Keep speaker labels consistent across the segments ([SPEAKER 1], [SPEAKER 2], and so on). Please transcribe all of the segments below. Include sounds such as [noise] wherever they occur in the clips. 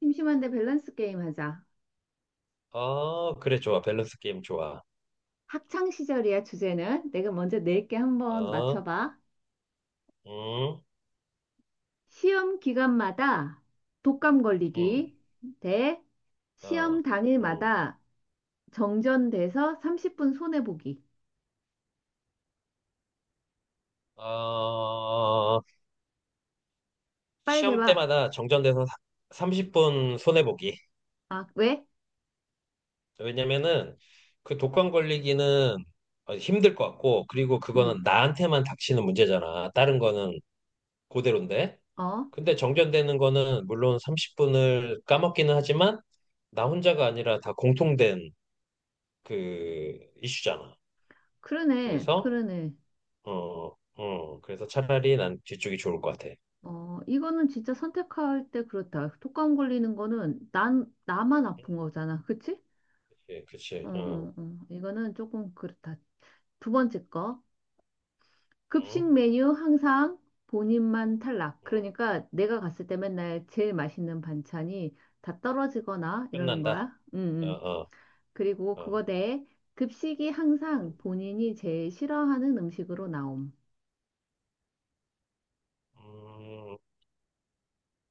[SPEAKER 1] 심심한데 밸런스 게임 하자.
[SPEAKER 2] 아, 그래, 좋아. 밸런스 게임 좋아.
[SPEAKER 1] 학창 시절이야, 주제는. 내가 먼저 낼게 한번
[SPEAKER 2] 어,
[SPEAKER 1] 맞춰봐.
[SPEAKER 2] 음,
[SPEAKER 1] 시험 기간마다 독감
[SPEAKER 2] 음,
[SPEAKER 1] 걸리기 대
[SPEAKER 2] 어,
[SPEAKER 1] 시험
[SPEAKER 2] 음.
[SPEAKER 1] 당일마다 정전돼서 30분 손해보기.
[SPEAKER 2] 어,
[SPEAKER 1] 빨리
[SPEAKER 2] 시험
[SPEAKER 1] 대봐.
[SPEAKER 2] 때마다 정전돼서 30분 손해보기.
[SPEAKER 1] 아, 왜?
[SPEAKER 2] 왜냐면은 그 독감 걸리기는 힘들 것 같고, 그리고
[SPEAKER 1] 응.
[SPEAKER 2] 그거는 나한테만 닥치는 문제잖아. 다른 거는 그대로인데.
[SPEAKER 1] 어?
[SPEAKER 2] 근데 정전되는 거는 물론 30분을 까먹기는 하지만, 나 혼자가 아니라 다 공통된 그 이슈잖아.
[SPEAKER 1] 그러네.
[SPEAKER 2] 그래서
[SPEAKER 1] 그러네.
[SPEAKER 2] 그래서 차라리 난 뒤쪽이 좋을 것 같아.
[SPEAKER 1] 어, 이거는 진짜 선택할 때 그렇다. 독감 걸리는 거는 난, 나만 아픈 거잖아. 그치?
[SPEAKER 2] 그치,
[SPEAKER 1] 어,
[SPEAKER 2] 그치,
[SPEAKER 1] 어, 어. 이거는 조금 그렇다. 두 번째 거. 급식
[SPEAKER 2] 어
[SPEAKER 1] 메뉴 항상 본인만 탈락.
[SPEAKER 2] 어
[SPEAKER 1] 그러니까 내가 갔을 때 맨날 제일 맛있는 반찬이 다 떨어지거나 이러는
[SPEAKER 2] 끝난다.
[SPEAKER 1] 거야. 응,
[SPEAKER 2] 어,
[SPEAKER 1] 응.
[SPEAKER 2] 어,
[SPEAKER 1] 그리고
[SPEAKER 2] 어.
[SPEAKER 1] 그거 대 급식이 항상 본인이 제일 싫어하는 음식으로 나옴.
[SPEAKER 2] 음,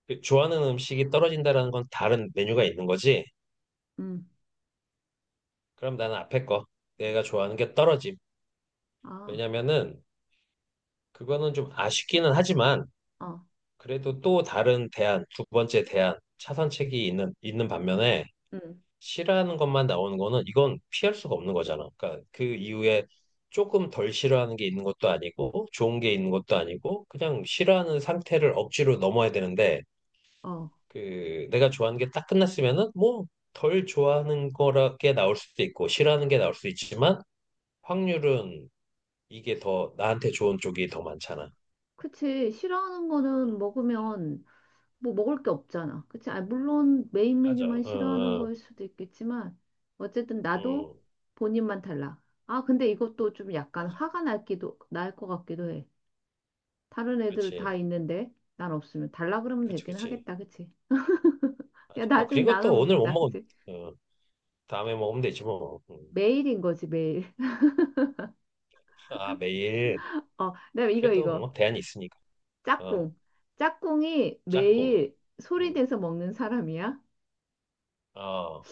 [SPEAKER 2] 그 좋아하는 음식이 떨어진다라는 건 다른 메뉴가 있는 거지?
[SPEAKER 1] 응.
[SPEAKER 2] 그럼 나는 앞에 거, 내가 좋아하는 게 떨어짐.
[SPEAKER 1] 아,
[SPEAKER 2] 왜냐면은 그거는 좀 아쉽기는 하지만
[SPEAKER 1] 어,
[SPEAKER 2] 그래도 또 다른 대안, 두 번째 대안, 차선책이 있는 반면에
[SPEAKER 1] 응.
[SPEAKER 2] 싫어하는 것만 나오는 거는 이건 피할 수가 없는 거잖아. 그러니까 그 이후에 조금 덜 싫어하는 게 있는 것도 아니고 좋은 게 있는 것도 아니고 그냥 싫어하는 상태를 억지로 넘어야 되는데
[SPEAKER 1] 어.
[SPEAKER 2] 그 내가 좋아하는 게 딱 끝났으면은 뭐 덜 좋아하는 거라게 나올 수도 있고 싫어하는 게 나올 수 있지만 확률은 이게 더 나한테 좋은 쪽이 더 많잖아.
[SPEAKER 1] 그치. 싫어하는 거는
[SPEAKER 2] 어,
[SPEAKER 1] 먹으면 뭐 먹을 게 없잖아. 그치? 아, 물론 메인
[SPEAKER 2] 맞아.
[SPEAKER 1] 메뉴만
[SPEAKER 2] 응,
[SPEAKER 1] 싫어하는
[SPEAKER 2] 응,
[SPEAKER 1] 거일 수도 있겠지만, 어쨌든 나도
[SPEAKER 2] 응.
[SPEAKER 1] 본인만 달라. 아, 근데 이것도 좀 약간
[SPEAKER 2] 맞아.
[SPEAKER 1] 화가 날기도, 날 것 같기도 해. 다른 애들 다
[SPEAKER 2] 그렇지.
[SPEAKER 1] 있는데, 난 없으면 달라 그러면
[SPEAKER 2] 그렇지,
[SPEAKER 1] 되긴
[SPEAKER 2] 그렇지.
[SPEAKER 1] 하겠다. 그치? 야,
[SPEAKER 2] 맞아.
[SPEAKER 1] 나 좀
[SPEAKER 2] 그리고
[SPEAKER 1] 나눠
[SPEAKER 2] 또 오늘 못
[SPEAKER 1] 먹자.
[SPEAKER 2] 먹은,
[SPEAKER 1] 그치?
[SPEAKER 2] 어, 다음에 먹으면 되지 뭐. 응.
[SPEAKER 1] 매일인 거지, 매일. [laughs]
[SPEAKER 2] 아, 매일.
[SPEAKER 1] 어, 그다음에 이거,
[SPEAKER 2] 그래도
[SPEAKER 1] 이거.
[SPEAKER 2] 뭐 대안이 있으니까. 어,
[SPEAKER 1] 짝꿍. 짝꿍이
[SPEAKER 2] 짝꿍.
[SPEAKER 1] 매일 소리
[SPEAKER 2] 응.
[SPEAKER 1] 내서 먹는 사람이야.
[SPEAKER 2] 어,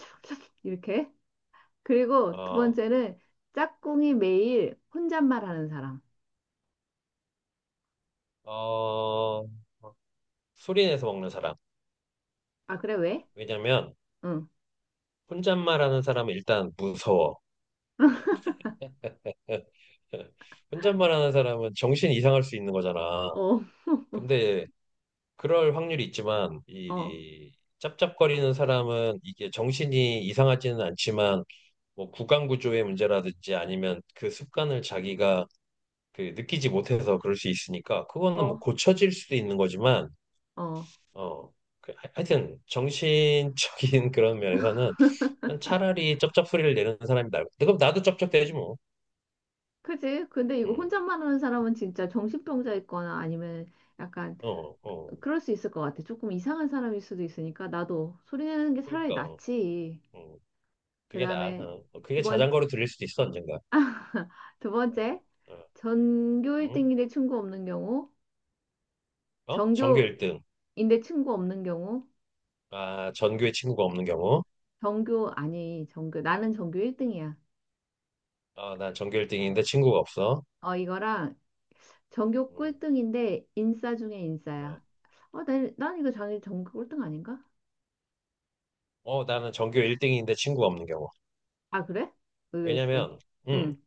[SPEAKER 1] 이렇게. 그리고 두
[SPEAKER 2] 어,
[SPEAKER 1] 번째는 짝꿍이 매일 혼잣말 하는 사람.
[SPEAKER 2] 어, 소리 내서 먹는 사람.
[SPEAKER 1] 아, 그래, 왜?
[SPEAKER 2] 왜냐면
[SPEAKER 1] 응.
[SPEAKER 2] 혼잣말하는 사람은 일단 무서워. [laughs] 혼잣말하는 사람은 정신이 이상할 수 있는 거잖아.
[SPEAKER 1] 어, [laughs]
[SPEAKER 2] 근데 그럴 확률이 있지만
[SPEAKER 1] 어,
[SPEAKER 2] 이 짭짭거리는 사람은 이게 정신이 이상하지는 않지만 뭐 구강 구조의 문제라든지 아니면 그 습관을 자기가 그 느끼지 못해서 그럴 수 있으니까 그거는 뭐
[SPEAKER 1] 어,
[SPEAKER 2] 고쳐질 수도 있는 거지만
[SPEAKER 1] 어.
[SPEAKER 2] 어 하여튼 정신적인 [laughs] 그런 면에서는 난 차라리 쩝쩝 소리를 내는 사람이 나을, 그럼 나도 쩝쩝대지 뭐.
[SPEAKER 1] 그지? 근데 이거
[SPEAKER 2] 음.
[SPEAKER 1] 혼잣말 하는 사람은 진짜 정신병자 있거나 아니면 약간
[SPEAKER 2] 어, 어.
[SPEAKER 1] 그럴 수 있을 것 같아. 조금 이상한 사람일 수도 있으니까 나도 소리 내는 게 차라리
[SPEAKER 2] 그러니까. 어,
[SPEAKER 1] 낫지.
[SPEAKER 2] 어.
[SPEAKER 1] 그
[SPEAKER 2] 그게 나.
[SPEAKER 1] 다음에
[SPEAKER 2] 어. 그게
[SPEAKER 1] 두 번,
[SPEAKER 2] 자전거로 들릴 수도 있어 언젠가.
[SPEAKER 1] 두 번째.
[SPEAKER 2] 어,
[SPEAKER 1] 전교
[SPEAKER 2] 음?
[SPEAKER 1] 1등인데 친구 없는 경우,
[SPEAKER 2] 어? 전교
[SPEAKER 1] 전교인데
[SPEAKER 2] 1등.
[SPEAKER 1] 친구 없는 경우,
[SPEAKER 2] 아, 전교에 친구가 없는 경우.
[SPEAKER 1] 전교, 아니, 전교, 나는 전교 1등이야.
[SPEAKER 2] 어, 난 전교 1등인데 친구가 없어.
[SPEAKER 1] 어, 이거랑 전교
[SPEAKER 2] 음,
[SPEAKER 1] 꿀등인데 인싸 중에
[SPEAKER 2] 어.
[SPEAKER 1] 인싸야. 어, 난, 난 이거 자네 전교 꿀등 아닌가?
[SPEAKER 2] 어, 나는 전교 1등인데 친구가 없는 경우.
[SPEAKER 1] 아, 그래? 의외일세.
[SPEAKER 2] 왜냐면, 음,
[SPEAKER 1] 응,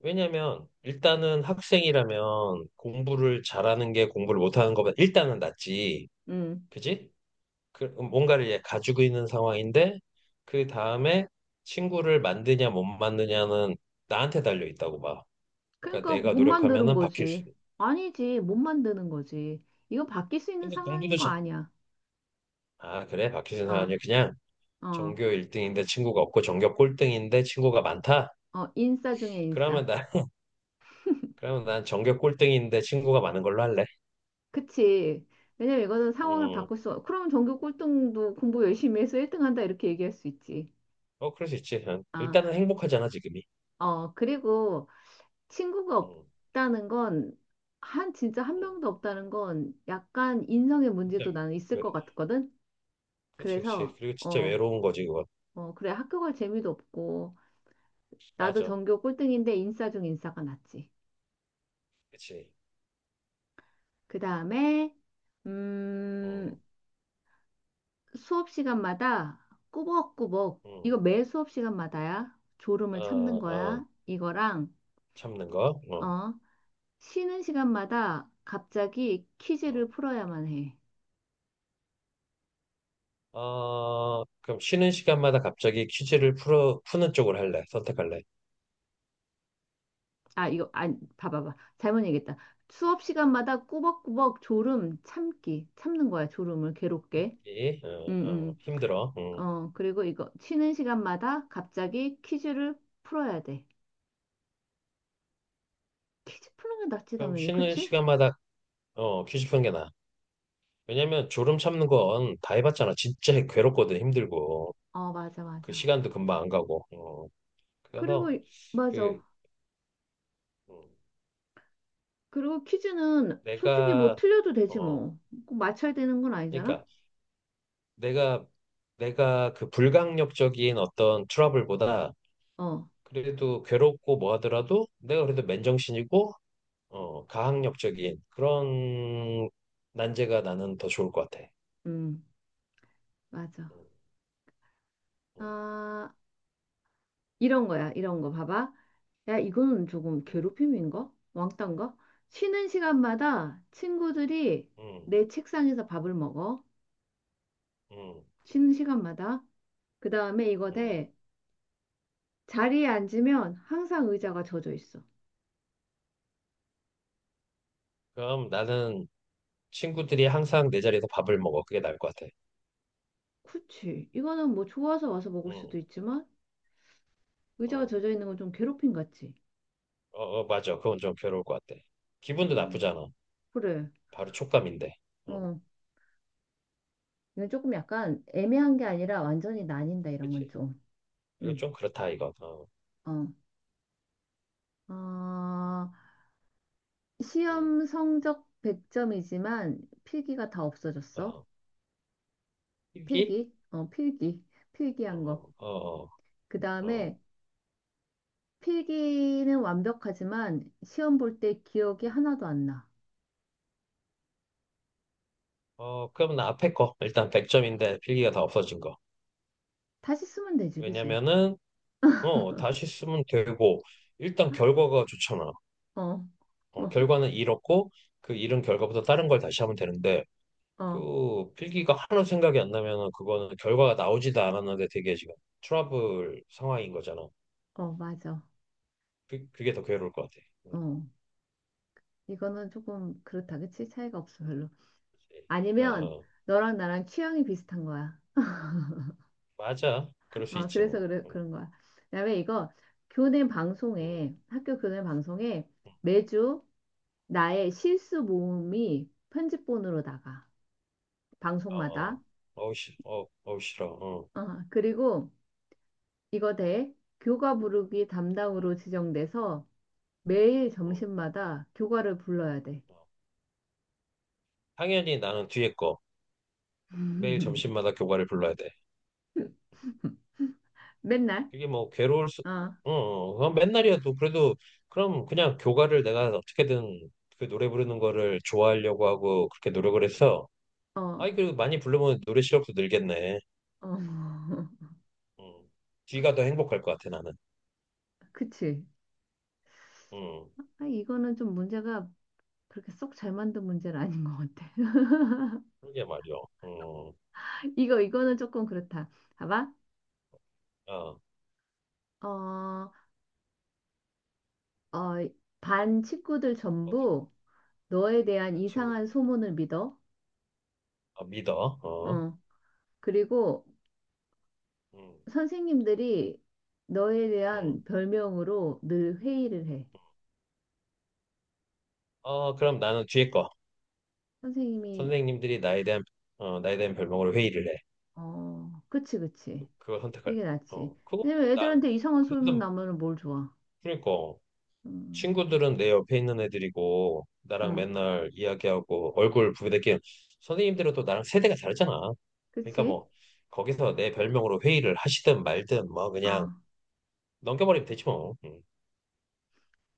[SPEAKER 2] 왜냐면 일단은 학생이라면 공부를 잘하는 게 공부를 못하는 것보다 일단은 낫지.
[SPEAKER 1] 응.
[SPEAKER 2] 그지? 그 뭔가를 얘 가지고 있는 상황인데 그 다음에 친구를 만드냐 못 만드냐는 나한테 달려 있다고 봐. 그러니까
[SPEAKER 1] 그러니까
[SPEAKER 2] 내가
[SPEAKER 1] 못 만드는
[SPEAKER 2] 노력하면은 바뀔
[SPEAKER 1] 거지.
[SPEAKER 2] 수도. 있.
[SPEAKER 1] 아니지, 못 만드는 거지. 이거 바뀔 수 있는
[SPEAKER 2] 근데
[SPEAKER 1] 상황인
[SPEAKER 2] 공부도
[SPEAKER 1] 거
[SPEAKER 2] 잘...
[SPEAKER 1] 아니야.
[SPEAKER 2] 아, 그래? 바뀌는 사람이
[SPEAKER 1] 아,
[SPEAKER 2] 그냥
[SPEAKER 1] 어,
[SPEAKER 2] 전교 1등인데 친구가 없고 전교 꼴등인데 친구가 많다.
[SPEAKER 1] 어, 인싸 중에
[SPEAKER 2] 그러면
[SPEAKER 1] 인싸.
[SPEAKER 2] 나 [laughs] 그러면 난 전교 꼴등인데 친구가 많은 걸로 할래.
[SPEAKER 1] 그치. 왜냐면 이거는 상황을
[SPEAKER 2] 음.
[SPEAKER 1] 바꿀 수, 그러면 전교 꿀등도 공부 열심히 해서 1등 한다 이렇게 얘기할 수 있지.
[SPEAKER 2] 그럴 수 있지. 응.
[SPEAKER 1] 아,
[SPEAKER 2] 일단은 행복하잖아, 지금.
[SPEAKER 1] 어, 그리고 친구가
[SPEAKER 2] 응,
[SPEAKER 1] 없다는 건, 한, 진짜 한
[SPEAKER 2] 응,
[SPEAKER 1] 명도 없다는 건 약간 인성의
[SPEAKER 2] 진짜
[SPEAKER 1] 문제도 나는 있을
[SPEAKER 2] 왜,
[SPEAKER 1] 것 같거든?
[SPEAKER 2] 그치, 그치.
[SPEAKER 1] 그래서,
[SPEAKER 2] 그리고 진짜
[SPEAKER 1] 어,
[SPEAKER 2] 외로운 거지, 그거.
[SPEAKER 1] 어, 그래, 학교 갈 재미도 없고, 나도
[SPEAKER 2] 맞아.
[SPEAKER 1] 전교 꼴등인데 인싸 중 인싸가 낫지.
[SPEAKER 2] 그치.
[SPEAKER 1] 그 다음에,
[SPEAKER 2] 응,
[SPEAKER 1] 음, 수업 시간마다 꾸벅꾸벅,
[SPEAKER 2] 응,
[SPEAKER 1] 이거 매 수업 시간마다야. 졸음을
[SPEAKER 2] 어,
[SPEAKER 1] 참는
[SPEAKER 2] 어,
[SPEAKER 1] 거야. 이거랑,
[SPEAKER 2] 참는 거. 어,
[SPEAKER 1] 어, 쉬는 시간마다 갑자기
[SPEAKER 2] 어.
[SPEAKER 1] 퀴즈를 풀어야만 해.
[SPEAKER 2] 그럼 쉬는 시간마다 갑자기 퀴즈를 푸는 쪽으로 할래? 선택할래?
[SPEAKER 1] 아, 이거, 아, 봐봐봐. 잘못 얘기했다. 수업 시간마다 꾸벅꾸벅 졸음 참기. 참는 거야, 졸음을 괴롭게.
[SPEAKER 2] 예?
[SPEAKER 1] 음,
[SPEAKER 2] 힘들어. 응.
[SPEAKER 1] 어, 그리고 이거 쉬는 시간마다 갑자기 퀴즈를 풀어야 돼. 퀴즈 푸는 게 낫지,
[SPEAKER 2] 그럼
[SPEAKER 1] 당연히.
[SPEAKER 2] 쉬는
[SPEAKER 1] 그치?
[SPEAKER 2] 시간마다 퀴즈 푸는 게 나아. 왜냐면 졸음 참는 건 다 해봤잖아. 진짜 괴롭거든, 힘들고.
[SPEAKER 1] 어, 맞아,
[SPEAKER 2] 그
[SPEAKER 1] 맞아.
[SPEAKER 2] 시간도 금방 안 가고. 어.
[SPEAKER 1] 그리고,
[SPEAKER 2] 그래서
[SPEAKER 1] 이- 맞아.
[SPEAKER 2] 그 음,
[SPEAKER 1] 그리고 퀴즈는 솔직히 뭐
[SPEAKER 2] 내가
[SPEAKER 1] 틀려도 되지
[SPEAKER 2] 어,
[SPEAKER 1] 뭐. 꼭 맞춰야 되는 건 아니잖아?
[SPEAKER 2] 그러니까 내가 내가 그 불강력적인 어떤 트러블보다
[SPEAKER 1] 어,
[SPEAKER 2] 그래도 괴롭고 뭐 하더라도 내가 그래도 맨정신이고 가학력적인 그런 난제가 나는 더 좋을 것 같아.
[SPEAKER 1] 음, 맞아.
[SPEAKER 2] 음,
[SPEAKER 1] 아, 이런 거야, 이런 거 봐봐. 야, 이거는 조금
[SPEAKER 2] 음,
[SPEAKER 1] 괴롭힘인가? 왕따인가? 쉬는 시간마다 친구들이
[SPEAKER 2] 음,
[SPEAKER 1] 내 책상에서 밥을 먹어.
[SPEAKER 2] 음, 음,
[SPEAKER 1] 쉬는 시간마다. 그 다음에 이거
[SPEAKER 2] 음.
[SPEAKER 1] 돼. 자리에 앉으면 항상 의자가 젖어 있어.
[SPEAKER 2] 그럼 나는 친구들이 항상 내 자리에서 밥을 먹어. 그게 나을 것 같아.
[SPEAKER 1] 그치. 이거는 뭐 좋아서 와서 먹을
[SPEAKER 2] 음,
[SPEAKER 1] 수도 있지만 의자가
[SPEAKER 2] 어,
[SPEAKER 1] 젖어 있는 건 좀 괴롭힘 같지.
[SPEAKER 2] 맞아. 그건 좀 괴로울 것 같아. 기분도
[SPEAKER 1] 음,
[SPEAKER 2] 나쁘잖아.
[SPEAKER 1] 그래.
[SPEAKER 2] 바로 촉감인데. 어,
[SPEAKER 1] 어. 이건 조금 약간 애매한 게 아니라 완전히 나뉜다, 이런 건
[SPEAKER 2] 그치?
[SPEAKER 1] 좀.
[SPEAKER 2] 이거
[SPEAKER 1] 음,
[SPEAKER 2] 좀 그렇다 이거. 어,
[SPEAKER 1] 어. 아
[SPEAKER 2] 음,
[SPEAKER 1] 시험 성적 100점이지만 필기가 다 없어졌어.
[SPEAKER 2] 어. 필기?
[SPEAKER 1] 필기? 어, 필기. 필기한 거.
[SPEAKER 2] 어, 어,
[SPEAKER 1] 그
[SPEAKER 2] 어, 어.
[SPEAKER 1] 다음에 필기는 완벽하지만 시험 볼 때 기억이 하나도 안 나.
[SPEAKER 2] 그러면 앞에 거. 일단 100점인데 필기가 다 없어진 거.
[SPEAKER 1] 다시 쓰면 되지, 그지?
[SPEAKER 2] 왜냐면은, 다시 쓰면 되고, 일단 결과가 좋잖아.
[SPEAKER 1] 어, 어,
[SPEAKER 2] 결과는 잃었고, 그 잃은 결과부터 다른 걸 다시 하면 되는데,
[SPEAKER 1] 어,
[SPEAKER 2] 그 필기가 하나도 생각이 안 나면은 그거는 결과가 나오지도 않았는데 되게 지금 트러블 상황인 거잖아.
[SPEAKER 1] 어, 맞아.
[SPEAKER 2] 그게 더 괴로울 것 같아. 음,
[SPEAKER 1] 어,
[SPEAKER 2] 음.
[SPEAKER 1] 이거는 조금 그렇다, 그치? 차이가 없어, 별로.
[SPEAKER 2] 어,
[SPEAKER 1] 아니면
[SPEAKER 2] 어.
[SPEAKER 1] 너랑 나랑 취향이 비슷한 거야.
[SPEAKER 2] 맞아. 그럴 수
[SPEAKER 1] 아,
[SPEAKER 2] 있지
[SPEAKER 1] 그래서
[SPEAKER 2] 뭐.
[SPEAKER 1] 그래, 그런 거야. 그다음에 이거
[SPEAKER 2] 음.
[SPEAKER 1] 학교 교내 방송에 매주 나의 실수 모음이 편집본으로 나가.
[SPEAKER 2] 어,
[SPEAKER 1] 방송마다.
[SPEAKER 2] 어, 싫어. 어,
[SPEAKER 1] 어, 그리고 이거 대 교가 부르기
[SPEAKER 2] 어,
[SPEAKER 1] 담당으로 지정돼서 매일
[SPEAKER 2] 어,
[SPEAKER 1] 점심마다 교가를 불러야 돼.
[SPEAKER 2] 어. 당연히 나는 뒤에 거. 매일
[SPEAKER 1] [laughs]
[SPEAKER 2] 점심마다 교과를 불러야 돼.
[SPEAKER 1] 맨날.
[SPEAKER 2] 그게 뭐 괴로울 수,
[SPEAKER 1] 어,
[SPEAKER 2] 어, 어, 그건 맨날이어도 그래도 그럼 그냥 교과를 내가 어떻게든 그 노래 부르는 거를 좋아하려고 하고 그렇게 노력을 했어.
[SPEAKER 1] 어, 어.
[SPEAKER 2] 아이, 그리고 많이 부르면 노래 실력도 늘겠네.
[SPEAKER 1] [laughs]
[SPEAKER 2] 음. 뒤가 더 행복할 것 같아, 나는.
[SPEAKER 1] 그치.
[SPEAKER 2] 음.
[SPEAKER 1] 아, 이거는 좀 문제가 그렇게 쏙 잘 만든 문제는 아닌 것 같아.
[SPEAKER 2] 그러게 말이야. 음.
[SPEAKER 1] [laughs] 이거는 조금 그렇다. 봐봐.
[SPEAKER 2] 너도
[SPEAKER 1] 어, 어, 반 친구들 전부 너에 대한
[SPEAKER 2] 같이 친구들 좀-.
[SPEAKER 1] 이상한 소문을 믿어.
[SPEAKER 2] 어, 믿어. 어.
[SPEAKER 1] 어, 그리고
[SPEAKER 2] 음.
[SPEAKER 1] 선생님들이 너에
[SPEAKER 2] 음.
[SPEAKER 1] 대한 별명으로 늘 회의를 해.
[SPEAKER 2] 그럼 나는 뒤에 거.
[SPEAKER 1] 선생님이,
[SPEAKER 2] 선생님들이 나에 대한 별명으로 회의를 해.
[SPEAKER 1] 어, 그치, 그치.
[SPEAKER 2] 그걸 선택할래.
[SPEAKER 1] 이게 낫지.
[SPEAKER 2] 그거
[SPEAKER 1] 왜냐면
[SPEAKER 2] 뭐난
[SPEAKER 1] 애들한테 이상한 소문
[SPEAKER 2] 그래도
[SPEAKER 1] 나면 뭘 좋아.
[SPEAKER 2] 그러니까
[SPEAKER 1] 음,
[SPEAKER 2] 친구들은 내 옆에 있는 애들이고 나랑
[SPEAKER 1] 응,
[SPEAKER 2] 맨날 이야기하고 얼굴 부비대끼는, 선생님들은 또 나랑 세대가 다르잖아. 그러니까
[SPEAKER 1] 그치?
[SPEAKER 2] 뭐 거기서 내 별명으로 회의를 하시든 말든 뭐 그냥
[SPEAKER 1] 어,
[SPEAKER 2] 넘겨버리면 되지 뭐. 음.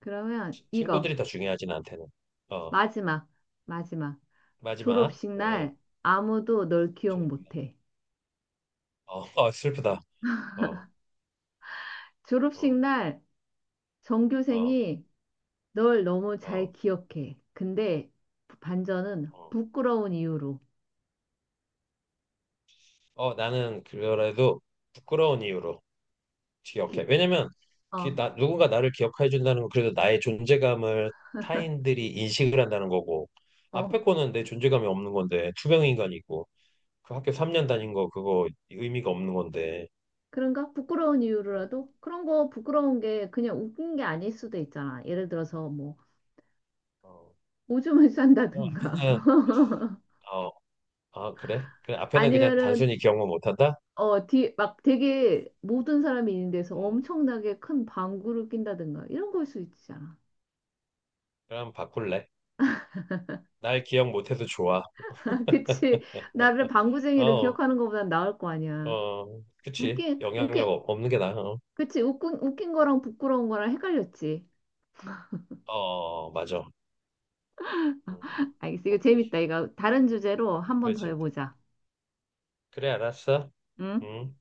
[SPEAKER 1] 그러면 이거.
[SPEAKER 2] 친구들이 더 중요하지 나한테는. 어,
[SPEAKER 1] 마지막, 마지막.
[SPEAKER 2] 마지막.
[SPEAKER 1] 졸업식 날 아무도 널 기억
[SPEAKER 2] 저-
[SPEAKER 1] 못 해.
[SPEAKER 2] [laughs] 슬프다. 어,
[SPEAKER 1] 졸업식
[SPEAKER 2] 어,
[SPEAKER 1] 날
[SPEAKER 2] 어,
[SPEAKER 1] 전교생이 널 너무 잘
[SPEAKER 2] 어.
[SPEAKER 1] 기억해. 근데 반전은
[SPEAKER 2] 어.
[SPEAKER 1] 부끄러운 이유로.
[SPEAKER 2] 나는 그래도 부끄러운 이유로 기억해.
[SPEAKER 1] 기-
[SPEAKER 2] 왜냐면
[SPEAKER 1] 어,
[SPEAKER 2] 누군가 나를 기억해 준다는 건 그래도 나의 존재감을 타인들이 인식을 한다는 거고
[SPEAKER 1] 어.
[SPEAKER 2] 앞에 거는 내 존재감이 없는 건데 투병 인간이고 그 학교 3년 다닌 거 그거 의미가 없는 건데.
[SPEAKER 1] 그런가? 부끄러운
[SPEAKER 2] 음,
[SPEAKER 1] 이유로라도? 그런 거 부끄러운 게 그냥 웃긴 게 아닐 수도 있잖아. 예를 들어서 뭐
[SPEAKER 2] 어,
[SPEAKER 1] 오줌을
[SPEAKER 2] 그럼
[SPEAKER 1] 싼다든가
[SPEAKER 2] 앞에는.
[SPEAKER 1] [laughs]
[SPEAKER 2] 어, 아 그래? 그래, 앞에는 그냥
[SPEAKER 1] 아니면은
[SPEAKER 2] 단순히 기억만 못한다?
[SPEAKER 1] 어, 뒤, 막 되게 모든 사람이 있는 데서
[SPEAKER 2] 음,
[SPEAKER 1] 엄청나게 큰 방구를 낀다든가 이런 걸 수 있잖아.
[SPEAKER 2] 그럼 바꿀래. 날 기억 못해도 좋아.
[SPEAKER 1] [laughs] 그치? 나를 방구쟁이를
[SPEAKER 2] 어,
[SPEAKER 1] 기억하는 것보단 나을 거 아니야.
[SPEAKER 2] 그치.
[SPEAKER 1] 웃긴, 웃긴,
[SPEAKER 2] 영향력 없는 게 나아. 어,
[SPEAKER 1] 그치? 웃긴 거랑 부끄러운 거랑 헷갈렸지.
[SPEAKER 2] 어, 맞아. 음,
[SPEAKER 1] [laughs] 알겠어. 이거
[SPEAKER 2] 오케이.
[SPEAKER 1] 재밌다. 이거 다른 주제로 한 번
[SPEAKER 2] 그래,
[SPEAKER 1] 더
[SPEAKER 2] 진짜.
[SPEAKER 1] 해보자.
[SPEAKER 2] 그래, 알았어.
[SPEAKER 1] 응?
[SPEAKER 2] 음.